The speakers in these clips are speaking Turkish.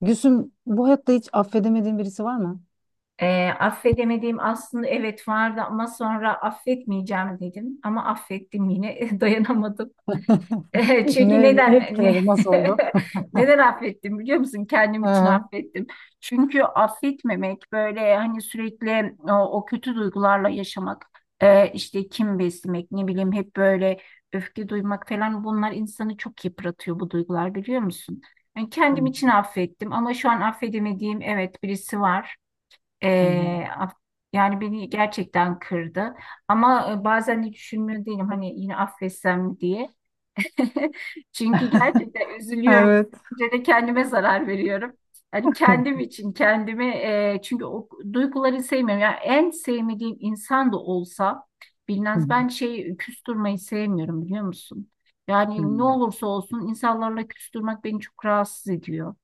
Gülsüm, bu hayatta hiç affedemediğin birisi var mı? Affedemediğim aslında evet vardı ama sonra affetmeyeceğim dedim. Ama affettim yine dayanamadım. E, çünkü Ne, ne neden ne- etkiledi? Nasıl oldu? Neden affettim biliyor musun? Kendim Hı için hı. affettim. Çünkü affetmemek böyle hani sürekli o, o kötü duygularla yaşamak, işte kim beslemek, ne bileyim hep böyle öfke duymak falan bunlar insanı çok yıpratıyor bu duygular biliyor musun? Yani kendim için affettim ama şu an affedemediğim evet birisi var. Hı hı. Ee, af- Yani beni gerçekten kırdı. Ama bazen de düşünmüyor değilim hani yine affetsem diye. Çünkü gerçekten üzülüyorum. Evet. Önce de kendime zarar veriyorum. Hani Hı kendim için kendimi çünkü o duyguları sevmiyorum. Yani en sevmediğim insan da olsa hı. bilmez ben şey küstürmeyi sevmiyorum biliyor musun? Yani ne olursa olsun insanlarla küstürmek beni çok rahatsız ediyor.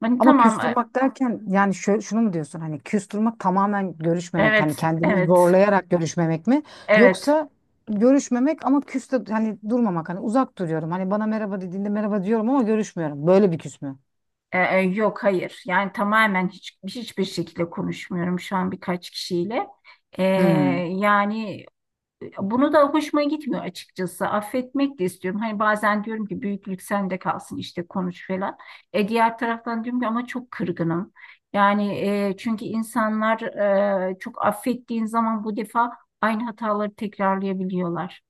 Hani Ama tamam küstürmek derken yani şunu mu diyorsun, hani küstürmek tamamen görüşmemek, hani evet kendini evet zorlayarak görüşmemek mi, evet. yoksa görüşmemek ama küste hani durmamak, hani uzak duruyorum, hani bana merhaba dediğinde merhaba diyorum ama görüşmüyorum, böyle bir küs mü? Yok hayır. Yani tamamen hiç hiçbir şekilde konuşmuyorum şu an birkaç kişiyle. Ee, Hmm, Yani bunu da hoşuma gitmiyor açıkçası. Affetmek de istiyorum. Hani bazen diyorum ki büyüklük sende kalsın işte konuş falan. E, diğer taraftan diyorum ki ama çok kırgınım. Yani çünkü insanlar çok affettiğin zaman bu defa aynı hataları tekrarlayabiliyorlar.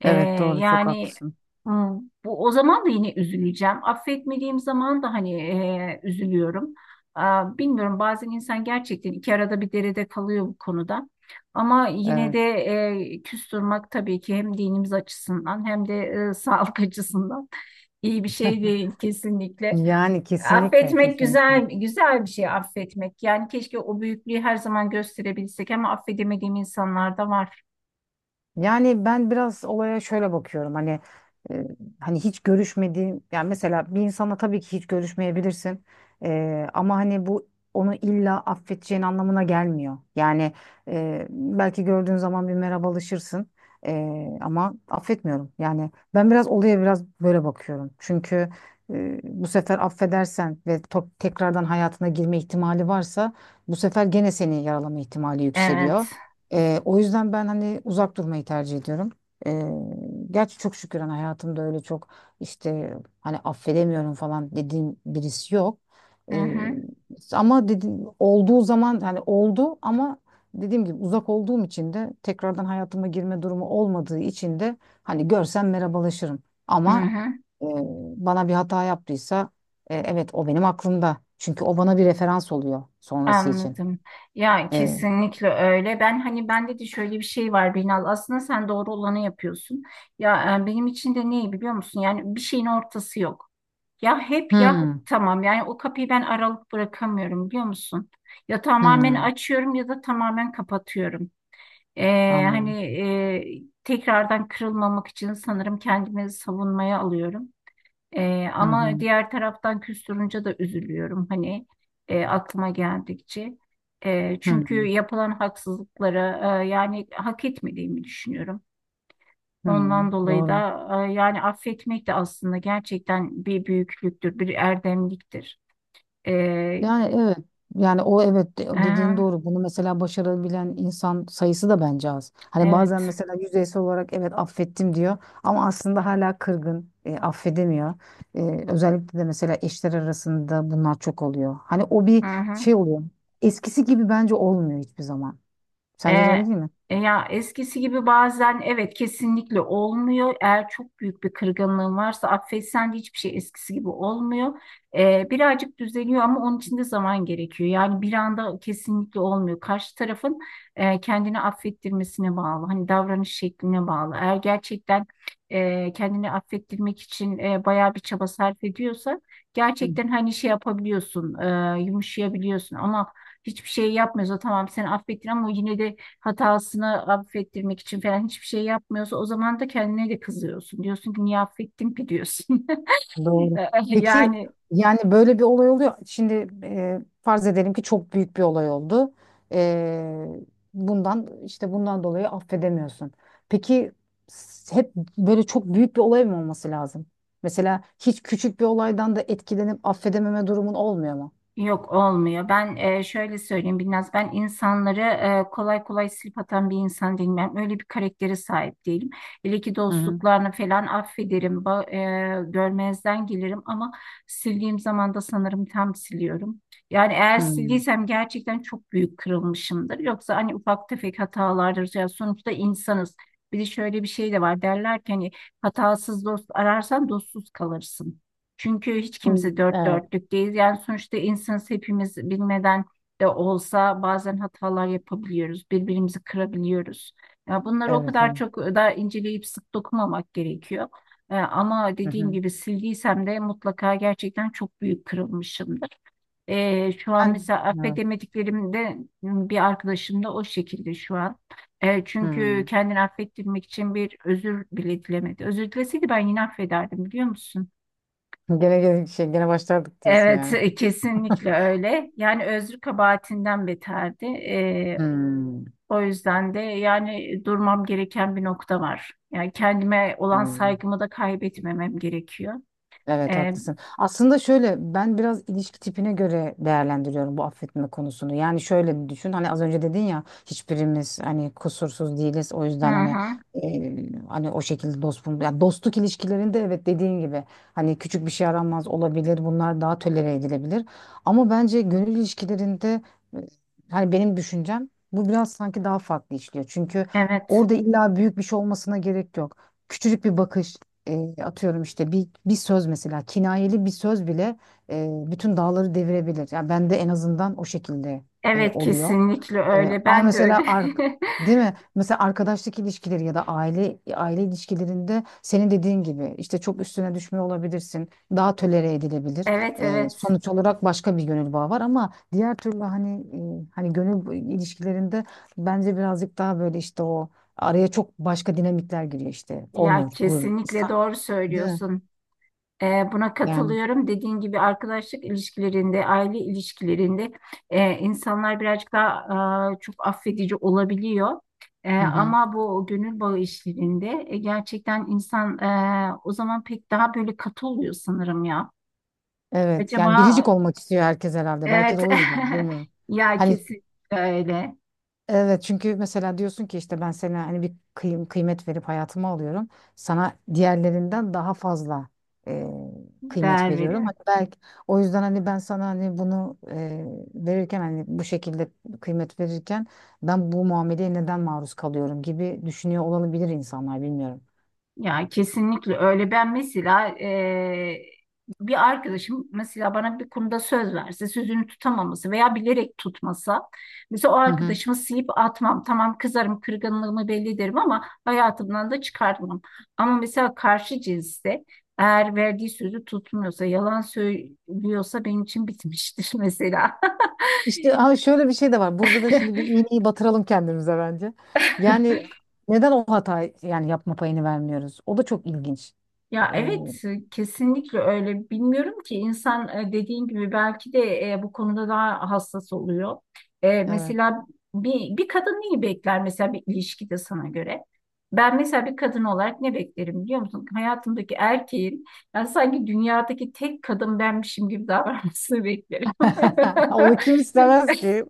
Ee, evet, doğru, çok yani haklısın. hmm, Bu o zaman da yine üzüleceğim. Affetmediğim zaman da hani üzülüyorum. Aa, bilmiyorum bazen insan gerçekten iki arada bir derede kalıyor bu konuda. Ama yine Evet. de küs durmak tabii ki hem dinimiz açısından hem de sağlık açısından iyi bir şey değil kesinlikle. Yani kesinlikle, Affetmek kesinlikle. güzel güzel bir şey affetmek. Yani keşke o büyüklüğü her zaman gösterebilsek ama affedemediğim insanlar da var. Yani ben biraz olaya şöyle bakıyorum, hani e, hani hiç görüşmediğim, yani mesela bir insana tabii ki hiç görüşmeyebilirsin. E, ama hani bu onu illa affedeceğin anlamına gelmiyor. Yani belki gördüğün zaman bir merhabalaşırsın. E, ama affetmiyorum. Yani ben biraz olaya biraz böyle bakıyorum. Çünkü bu sefer affedersen ve tekrardan hayatına girme ihtimali varsa bu sefer gene seni yaralama ihtimali yükseliyor. Evet. O yüzden ben hani uzak durmayı tercih ediyorum. Ee, Gerçi çok şükür hani hayatımda öyle çok işte hani affedemiyorum falan dediğim birisi yok. Hı Ee, hı. Ama dediğim olduğu zaman hani oldu ama dediğim gibi uzak olduğum için de tekrardan hayatıma girme durumu olmadığı için de hani görsem merhabalaşırım. Hı Ama hı. e, bana bir hata yaptıysa evet, o benim aklımda. Çünkü o bana bir referans oluyor sonrası için. Anladım. Ya Ee, kesinlikle öyle. Ben hani bende de şöyle bir şey var Binal. Aslında sen doğru olanı yapıyorsun. Ya benim için de neyi biliyor musun? Yani bir şeyin ortası yok. Ya hep ya hmm, tamam. Yani o kapıyı ben aralık bırakamıyorum biliyor musun? Ya tamamen hmm. açıyorum ya da tamamen kapatıyorum. Anladım. Tekrardan kırılmamak için sanırım kendimi savunmaya alıyorum. Hı Ama hı. diğer taraftan küstürünce de üzülüyorum hani aklıma geldikçe. E, Hı çünkü hı. yapılan haksızlıklara yani hak etmediğimi düşünüyorum. Hı. Hı. Ondan dolayı Doğru. da yani affetmek de aslında gerçekten bir büyüklüktür, bir erdemliktir. E, Yani evet. Yani o, evet, e, dediğin doğru. Bunu mesela başarabilen insan sayısı da bence az. Hani bazen evet. mesela yüzeysel olarak evet affettim diyor ama aslında hala kırgın, affedemiyor. Özellikle de mesela eşler arasında bunlar çok oluyor. Hani o Hı bir hı. şey oluyor. Eskisi gibi bence olmuyor hiçbir zaman. E, Sence de öyle değil mi? Ya eskisi gibi bazen evet kesinlikle olmuyor. Eğer çok büyük bir kırgınlığın varsa affetsen de hiçbir şey eskisi gibi olmuyor. E, birazcık düzeliyor ama onun için de zaman gerekiyor. Yani bir anda kesinlikle olmuyor. Karşı tarafın kendini affettirmesine bağlı. Hani davranış şekline bağlı. Eğer gerçekten kendini affettirmek için bayağı bir çaba sarf ediyorsa gerçekten hani şey yapabiliyorsun, yumuşayabiliyorsun ama hiçbir şey yapmıyorsa tamam seni affettin ama yine de hatasını affettirmek için falan hiçbir şey yapmıyorsa o zaman da kendine de kızıyorsun. Diyorsun ki niye affettim ki diyorsun. Doğru. Peki, Yani yani böyle bir olay oluyor. Şimdi farz edelim ki çok büyük bir olay oldu. E, Bundan işte bundan dolayı affedemiyorsun. Peki, hep böyle çok büyük bir olay mı olması lazım? Mesela hiç küçük bir olaydan da etkilenip affedememe durumun olmuyor mu? yok olmuyor. Ben şöyle söyleyeyim biraz ben insanları kolay kolay silip atan bir insan değilim. Ben öyle bir karaktere sahip değilim. Hele ki Hı hı. dostluklarını falan affederim, görmezden gelirim ama sildiğim zaman da sanırım tam siliyorum. Yani eğer Hı. sildiysem gerçekten çok büyük kırılmışımdır. Yoksa hani ufak tefek hatalardır. Ya sonuçta insanız. Bir de şöyle bir şey de var derler ki hani hatasız dost ararsan dostsuz kalırsın. Çünkü hiç Hı. kimse dört Evet, dörtlük değil. Yani sonuçta insanız hepimiz bilmeden de olsa bazen hatalar yapabiliyoruz. Birbirimizi kırabiliyoruz. Ya bunları o evet kadar onu. çok da inceleyip sık dokumamak gerekiyor. E, ama Hı dediğim hı. gibi sildiysem de mutlaka gerçekten çok büyük kırılmışımdır. E, şu an Yani mesela evet. affedemediklerimde bir arkadaşım da o şekilde şu an. E, çünkü Hı. kendini affettirmek için bir özür bile dilemedi. Özür dileseydi ben yine affederdim biliyor musun? Gene gene şey gene başlardık diyorsun Evet, yani. Kesinlikle öyle. Yani özrü kabahatinden beterdi. E, Hı. o yüzden de yani durmam gereken bir nokta var. Yani kendime olan Anladım. saygımı da kaybetmemem gerekiyor. Evet, E, haklısın. Aslında şöyle, ben biraz ilişki tipine göre değerlendiriyorum bu affetme konusunu. Yani şöyle düşün, hani az önce dedin ya hiçbirimiz hani kusursuz değiliz. O hı yüzden hani hı, hani o şekilde ya dostluk ilişkilerinde evet dediğin gibi hani küçük bir şey aranmaz olabilir. Bunlar daha tolere edilebilir. Ama bence gönül ilişkilerinde e, hani benim düşüncem bu, biraz sanki daha farklı işliyor. Çünkü evet, orada illa büyük bir şey olmasına gerek yok. Küçücük bir bakış, atıyorum işte bir, bir söz mesela, kinayeli bir söz bile bütün dağları devirebilir. Yani ben de en azından o şekilde evet oluyor. kesinlikle öyle. Ama Ben de öyle. mesela değil mi? Mesela arkadaşlık ilişkileri ya da aile ilişkilerinde senin dediğin gibi işte çok üstüne düşmüyor olabilirsin. Daha tolere edilebilir. Evet, evet. Sonuç olarak başka bir gönül bağı var, ama diğer türlü hani hani gönül ilişkilerinde bence birazcık daha böyle işte o, araya çok başka dinamikler giriyor işte. Ya Onur, gurur, kesinlikle doğru değil mi? söylüyorsun. E, buna Yani katılıyorum. Dediğin gibi arkadaşlık ilişkilerinde, aile ilişkilerinde insanlar birazcık daha çok affedici olabiliyor. E, hı hı. ama bu gönül bağı işlerinde gerçekten insan o zaman pek daha böyle katı oluyor sanırım ya. Evet. Acaba Yani biricik olmak istiyor herkes herhalde. Belki evet de o yüzden. Bilmiyorum. ya Hani kesinlikle öyle evet, çünkü mesela diyorsun ki işte ben sana hani bir kıymet verip hayatımı alıyorum. Sana diğerlerinden daha fazla e, kıymet değer veriyorum. veriyor. Hani belki o yüzden hani ben sana hani bunu verirken hani bu şekilde kıymet verirken ben bu muameleye neden maruz kalıyorum gibi düşünüyor olabilir insanlar, bilmiyorum. Ya kesinlikle öyle. Ben mesela bir arkadaşım mesela bana bir konuda söz verse, sözünü tutamaması veya bilerek tutmasa, mesela o arkadaşımı sıyıp atmam. Tamam kızarım, kırgınlığımı belli ederim ama hayatımdan da çıkartmam. Ama mesela karşı cinste eğer verdiği sözü tutmuyorsa, yalan söylüyorsa benim için bitmiştir mesela. İşte ha, şöyle bir şey de var. Burada da şimdi bir iğneyi batıralım kendimize bence. Yani neden o hatayı yani yapma payını vermiyoruz? O da çok ilginç. Ya Ee, evet kesinlikle öyle. Bilmiyorum ki insan dediğin gibi belki de bu konuda daha hassas oluyor. E, evet. mesela bir kadın neyi bekler mesela bir ilişkide sana göre? Ben mesela bir kadın olarak ne beklerim biliyor musun? Hayatımdaki erkeğin yani sanki dünyadaki tek kadın benmişim gibi davranmasını beklerim. Onu kim istemez ki?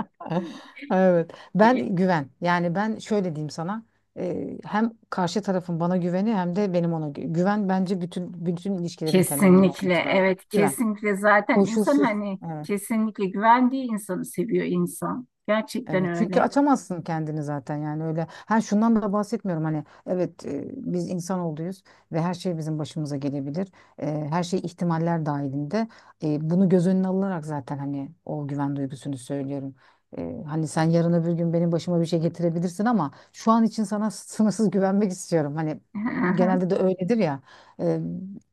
Evet. Ben güven. Yani ben şöyle diyeyim sana. Hem karşı tarafın bana güveni, hem de benim ona güven bence bütün ilişkilerin temelinde olması Kesinlikle lazım. evet Güven. kesinlikle zaten insan Koşulsuz. hani Evet. kesinlikle güvendiği insanı seviyor insan. Gerçekten Evet, çünkü öyle. açamazsın kendini zaten, yani öyle. Ha, şundan da bahsetmiyorum hani, evet, biz insan olduğuyuz ve her şey bizim başımıza gelebilir. Her şey ihtimaller dahilinde. Bunu göz önüne alınarak zaten hani o güven duygusunu söylüyorum. Hani sen yarın öbür gün benim başıma bir şey getirebilirsin, ama şu an için sana sınırsız güvenmek istiyorum, hani Aha, genelde de öyledir ya. E,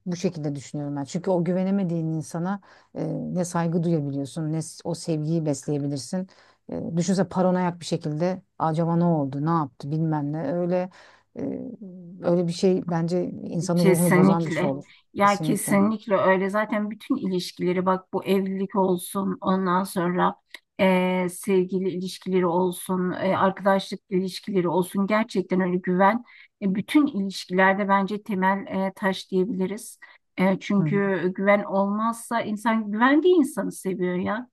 Bu şekilde düşünüyorum ben, çünkü o güvenemediğin insana e, ne saygı duyabiliyorsun, ne o sevgiyi besleyebilirsin. Düşünsene, paranoyak bir şekilde acaba ne oldu, ne yaptı, bilmem ne. Öyle e, öyle bir şey bence insanın ruhunu bozan bir şey kesinlikle. olur. Ya Kesinlikle. kesinlikle öyle. Zaten bütün ilişkileri bak bu evlilik olsun ondan sonra sevgili ilişkileri olsun arkadaşlık ilişkileri olsun gerçekten öyle güven. E, bütün ilişkilerde bence temel taş diyebiliriz. E, Hı hı. çünkü güven olmazsa insan güvendiği insanı seviyor ya.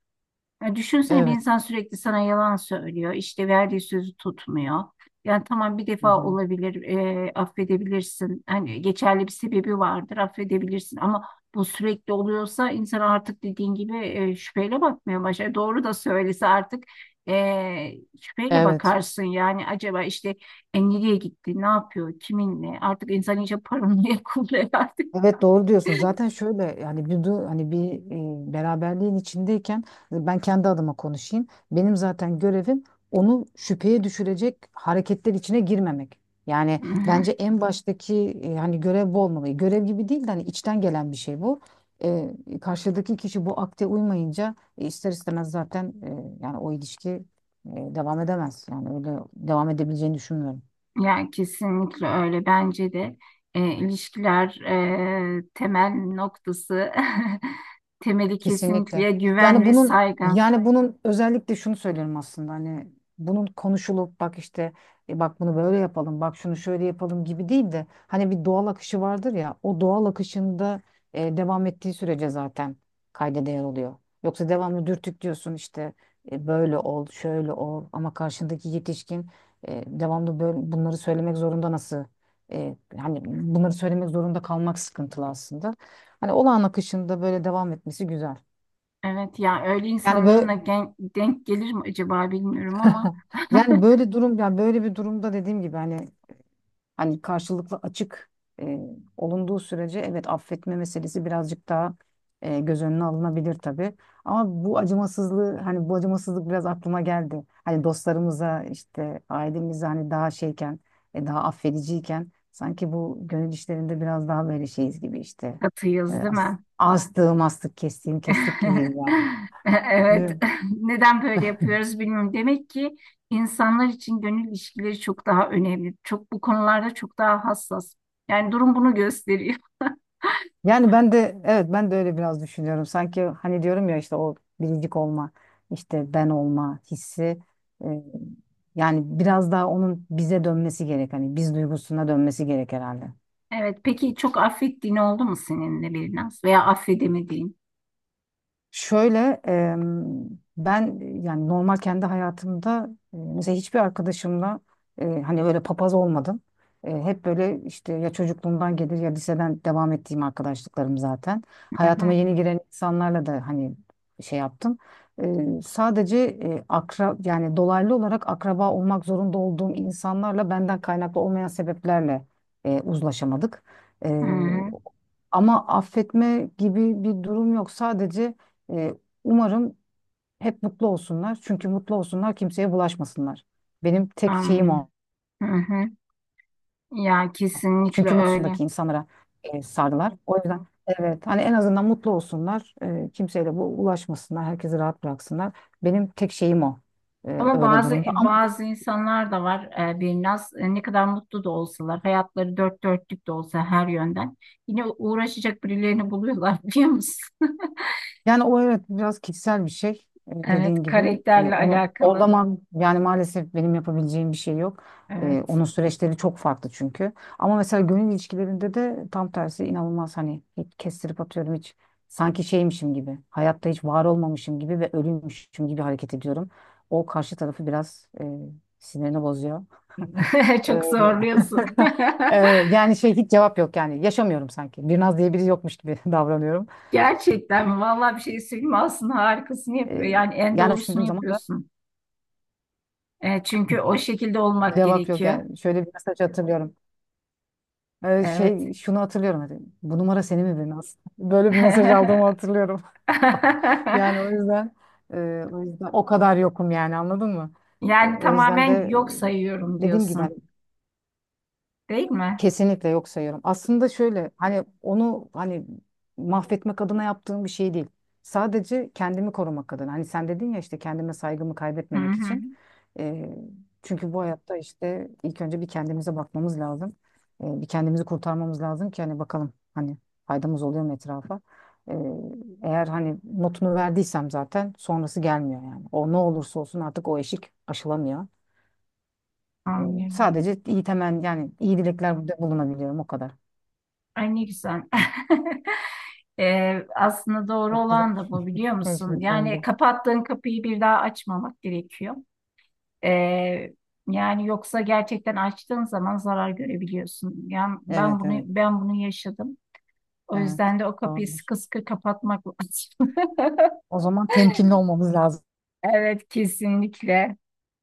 Ya düşünsene bir Evet. insan sürekli sana yalan söylüyor, işte verdiği sözü tutmuyor. Yani tamam bir Hı defa hı. olabilir, affedebilirsin. Hani geçerli bir sebebi vardır, affedebilirsin. Ama bu sürekli oluyorsa insan artık dediğin gibi şüpheyle bakmaya başlar. Doğru da söylese artık e, şüpheyle Evet. bakarsın. Yani acaba işte nereye gitti, ne yapıyor, kiminle? Artık insan iyice paranoya kuruyor artık. Evet, doğru diyorsun. Zaten şöyle yani bir hani bir beraberliğin içindeyken ben kendi adıma konuşayım. Benim zaten görevim onu şüpheye düşürecek hareketler içine girmemek. Yani bence en baştaki hani görev bu olmalı. E, görev gibi değil de hani içten gelen bir şey bu. E, Karşıdaki kişi bu akte uymayınca ister istemez zaten yani o ilişki devam edemez. Yani öyle devam edebileceğini düşünmüyorum. Yani kesinlikle öyle bence de ilişkiler temel noktası temeli Kesinlikle. kesinlikle güven Yani ve bunun saygı. yani bunun özellikle şunu söylüyorum aslında, hani bunun konuşulup bak işte bak bunu böyle yapalım, bak şunu şöyle yapalım gibi değil de hani bir doğal akışı vardır ya, o doğal akışında devam ettiği sürece zaten kayda değer oluyor. Yoksa devamlı dürtüklüyorsun işte böyle ol, şöyle ol, ama karşındaki yetişkin. Devamlı böyle bunları söylemek zorunda, nasıl hani bunları söylemek zorunda kalmak sıkıntılı aslında. Hani olağan akışında böyle devam etmesi güzel. Evet ya öyle Yani insanların böyle da gen- denk gelir mi acaba bilmiyorum ama yani böyle durum, yani böyle bir durumda dediğim gibi hani hani karşılıklı açık e, olunduğu sürece evet affetme meselesi birazcık daha göz önüne alınabilir tabii. Ama bu acımasızlığı, hani bu acımasızlık biraz aklıma geldi. Hani dostlarımıza işte ailemize hani daha şeyken daha affediciyken sanki bu gönül işlerinde biraz daha böyle şeyiz gibi işte. Katıyız değil mi? Astığım astık, kestiğim kestik gibiyiz Evet yani. neden böyle yapıyoruz bilmiyorum. Demek ki insanlar için gönül ilişkileri çok daha önemli. Çok bu konularda çok daha hassas. Yani durum bunu gösteriyor. Yani ben de evet, ben de öyle biraz düşünüyorum. Sanki hani diyorum ya, işte o biricik olma, işte ben olma hissi e, yani biraz daha onun bize dönmesi gerek. Hani biz duygusuna dönmesi gerek herhalde. Evet, peki çok affettiğin oldu mu seninle bir naz veya affedemediğin? Şöyle em, ben yani normal kendi hayatımda mesela hiçbir arkadaşımla hani böyle papaz olmadım. Hep böyle işte, ya çocukluğumdan gelir ya liseden devam ettiğim arkadaşlıklarım zaten. Hı hı, Hayatıma yeni giren insanlarla da hani şey yaptım. E, sadece e, akra yani dolaylı olarak akraba olmak zorunda olduğum insanlarla benden kaynaklı olmayan sebeplerle uzlaşamadık. hı hı, Ama affetme gibi bir durum yok. Sadece e, umarım hep mutlu olsunlar. Çünkü mutlu olsunlar, kimseye bulaşmasınlar. Benim tek şeyim o. anlıyorum. Hı hı. Ya kesinlikle Çünkü öyle. mutsundaki insanlara sardılar. O yüzden evet, hani en azından mutlu olsunlar. E, kimseyle bu ulaşmasınlar. Herkesi rahat bıraksınlar. Benim tek şeyim o. E, Ama öyle bazı durumda. bazı insanlar da var ne kadar mutlu da olsalar, hayatları dört dörtlük de olsa her yönden yine uğraşacak birilerini buluyorlar biliyor musun? Yani o, evet, biraz kişisel bir şey, Evet, dediğin gibi. E, karakterle onu orada alakalı. ma, yani maalesef benim yapabileceğim bir şey yok. Evet. Onun süreçleri çok farklı çünkü. Ama mesela gönül ilişkilerinde de tam tersi, inanılmaz hani, hiç kestirip atıyorum, hiç sanki şeymişim gibi. Hayatta hiç var olmamışım gibi ve ölüymüşüm gibi hareket ediyorum. O karşı tarafı biraz sinirini bozuyor. E, Çok zorluyorsun. e, yani şey, hiç cevap yok, yani yaşamıyorum sanki. Bir naz diye biri yokmuş gibi davranıyorum. Gerçekten vallahi bir şey söyleyeyim mi? Aslında harikasını yapıyor. Yani en Yani doğrusunu düşündüğüm zaman da yapıyorsun. E, çünkü o şekilde olmak cevap yok gerekiyor. yani. Şöyle bir mesaj hatırlıyorum. Evet. Şey, şunu hatırlıyorum. Hani, bu numara senin mi benim aslında. Böyle bir mesaj aldığımı hatırlıyorum. Yani o yüzden o yüzden o kadar yokum yani, anladın mı? Yani O yüzden tamamen de yok sayıyorum dediğim gibi hani diyorsun, değil mi? kesinlikle yok sayıyorum. Aslında şöyle, hani onu hani mahvetmek adına yaptığım bir şey değil. Sadece kendimi korumak adına. Hani sen dedin ya işte, kendime saygımı Hı kaybetmemek hı. için. Ee, Çünkü bu hayatta işte ilk önce bir kendimize bakmamız lazım. Bir kendimizi kurtarmamız lazım ki hani bakalım hani faydamız oluyor mu etrafa. Ee, Eğer hani notunu verdiysem zaten sonrası gelmiyor yani. O ne olursa olsun artık o eşik aşılamıyor. Ee, Anlıyorum. Sadece iyi temen, yani iyi dilekler bulunabiliyorum o kadar. Ay ne güzel. Aslında doğru Çok güzel. olan da bu biliyor Özür musun? dilerim Yani de. kapattığın kapıyı bir daha açmamak gerekiyor. Ee, Yani yoksa gerçekten açtığın zaman zarar görebiliyorsun. Yani Evet, ben bunu evet. bunu yaşadım. O Evet. yüzden de o kapıyı Doğrudur. sıkı sıkı kapatmak lazım. O zaman temkinli olmamız lazım. Evet kesinlikle.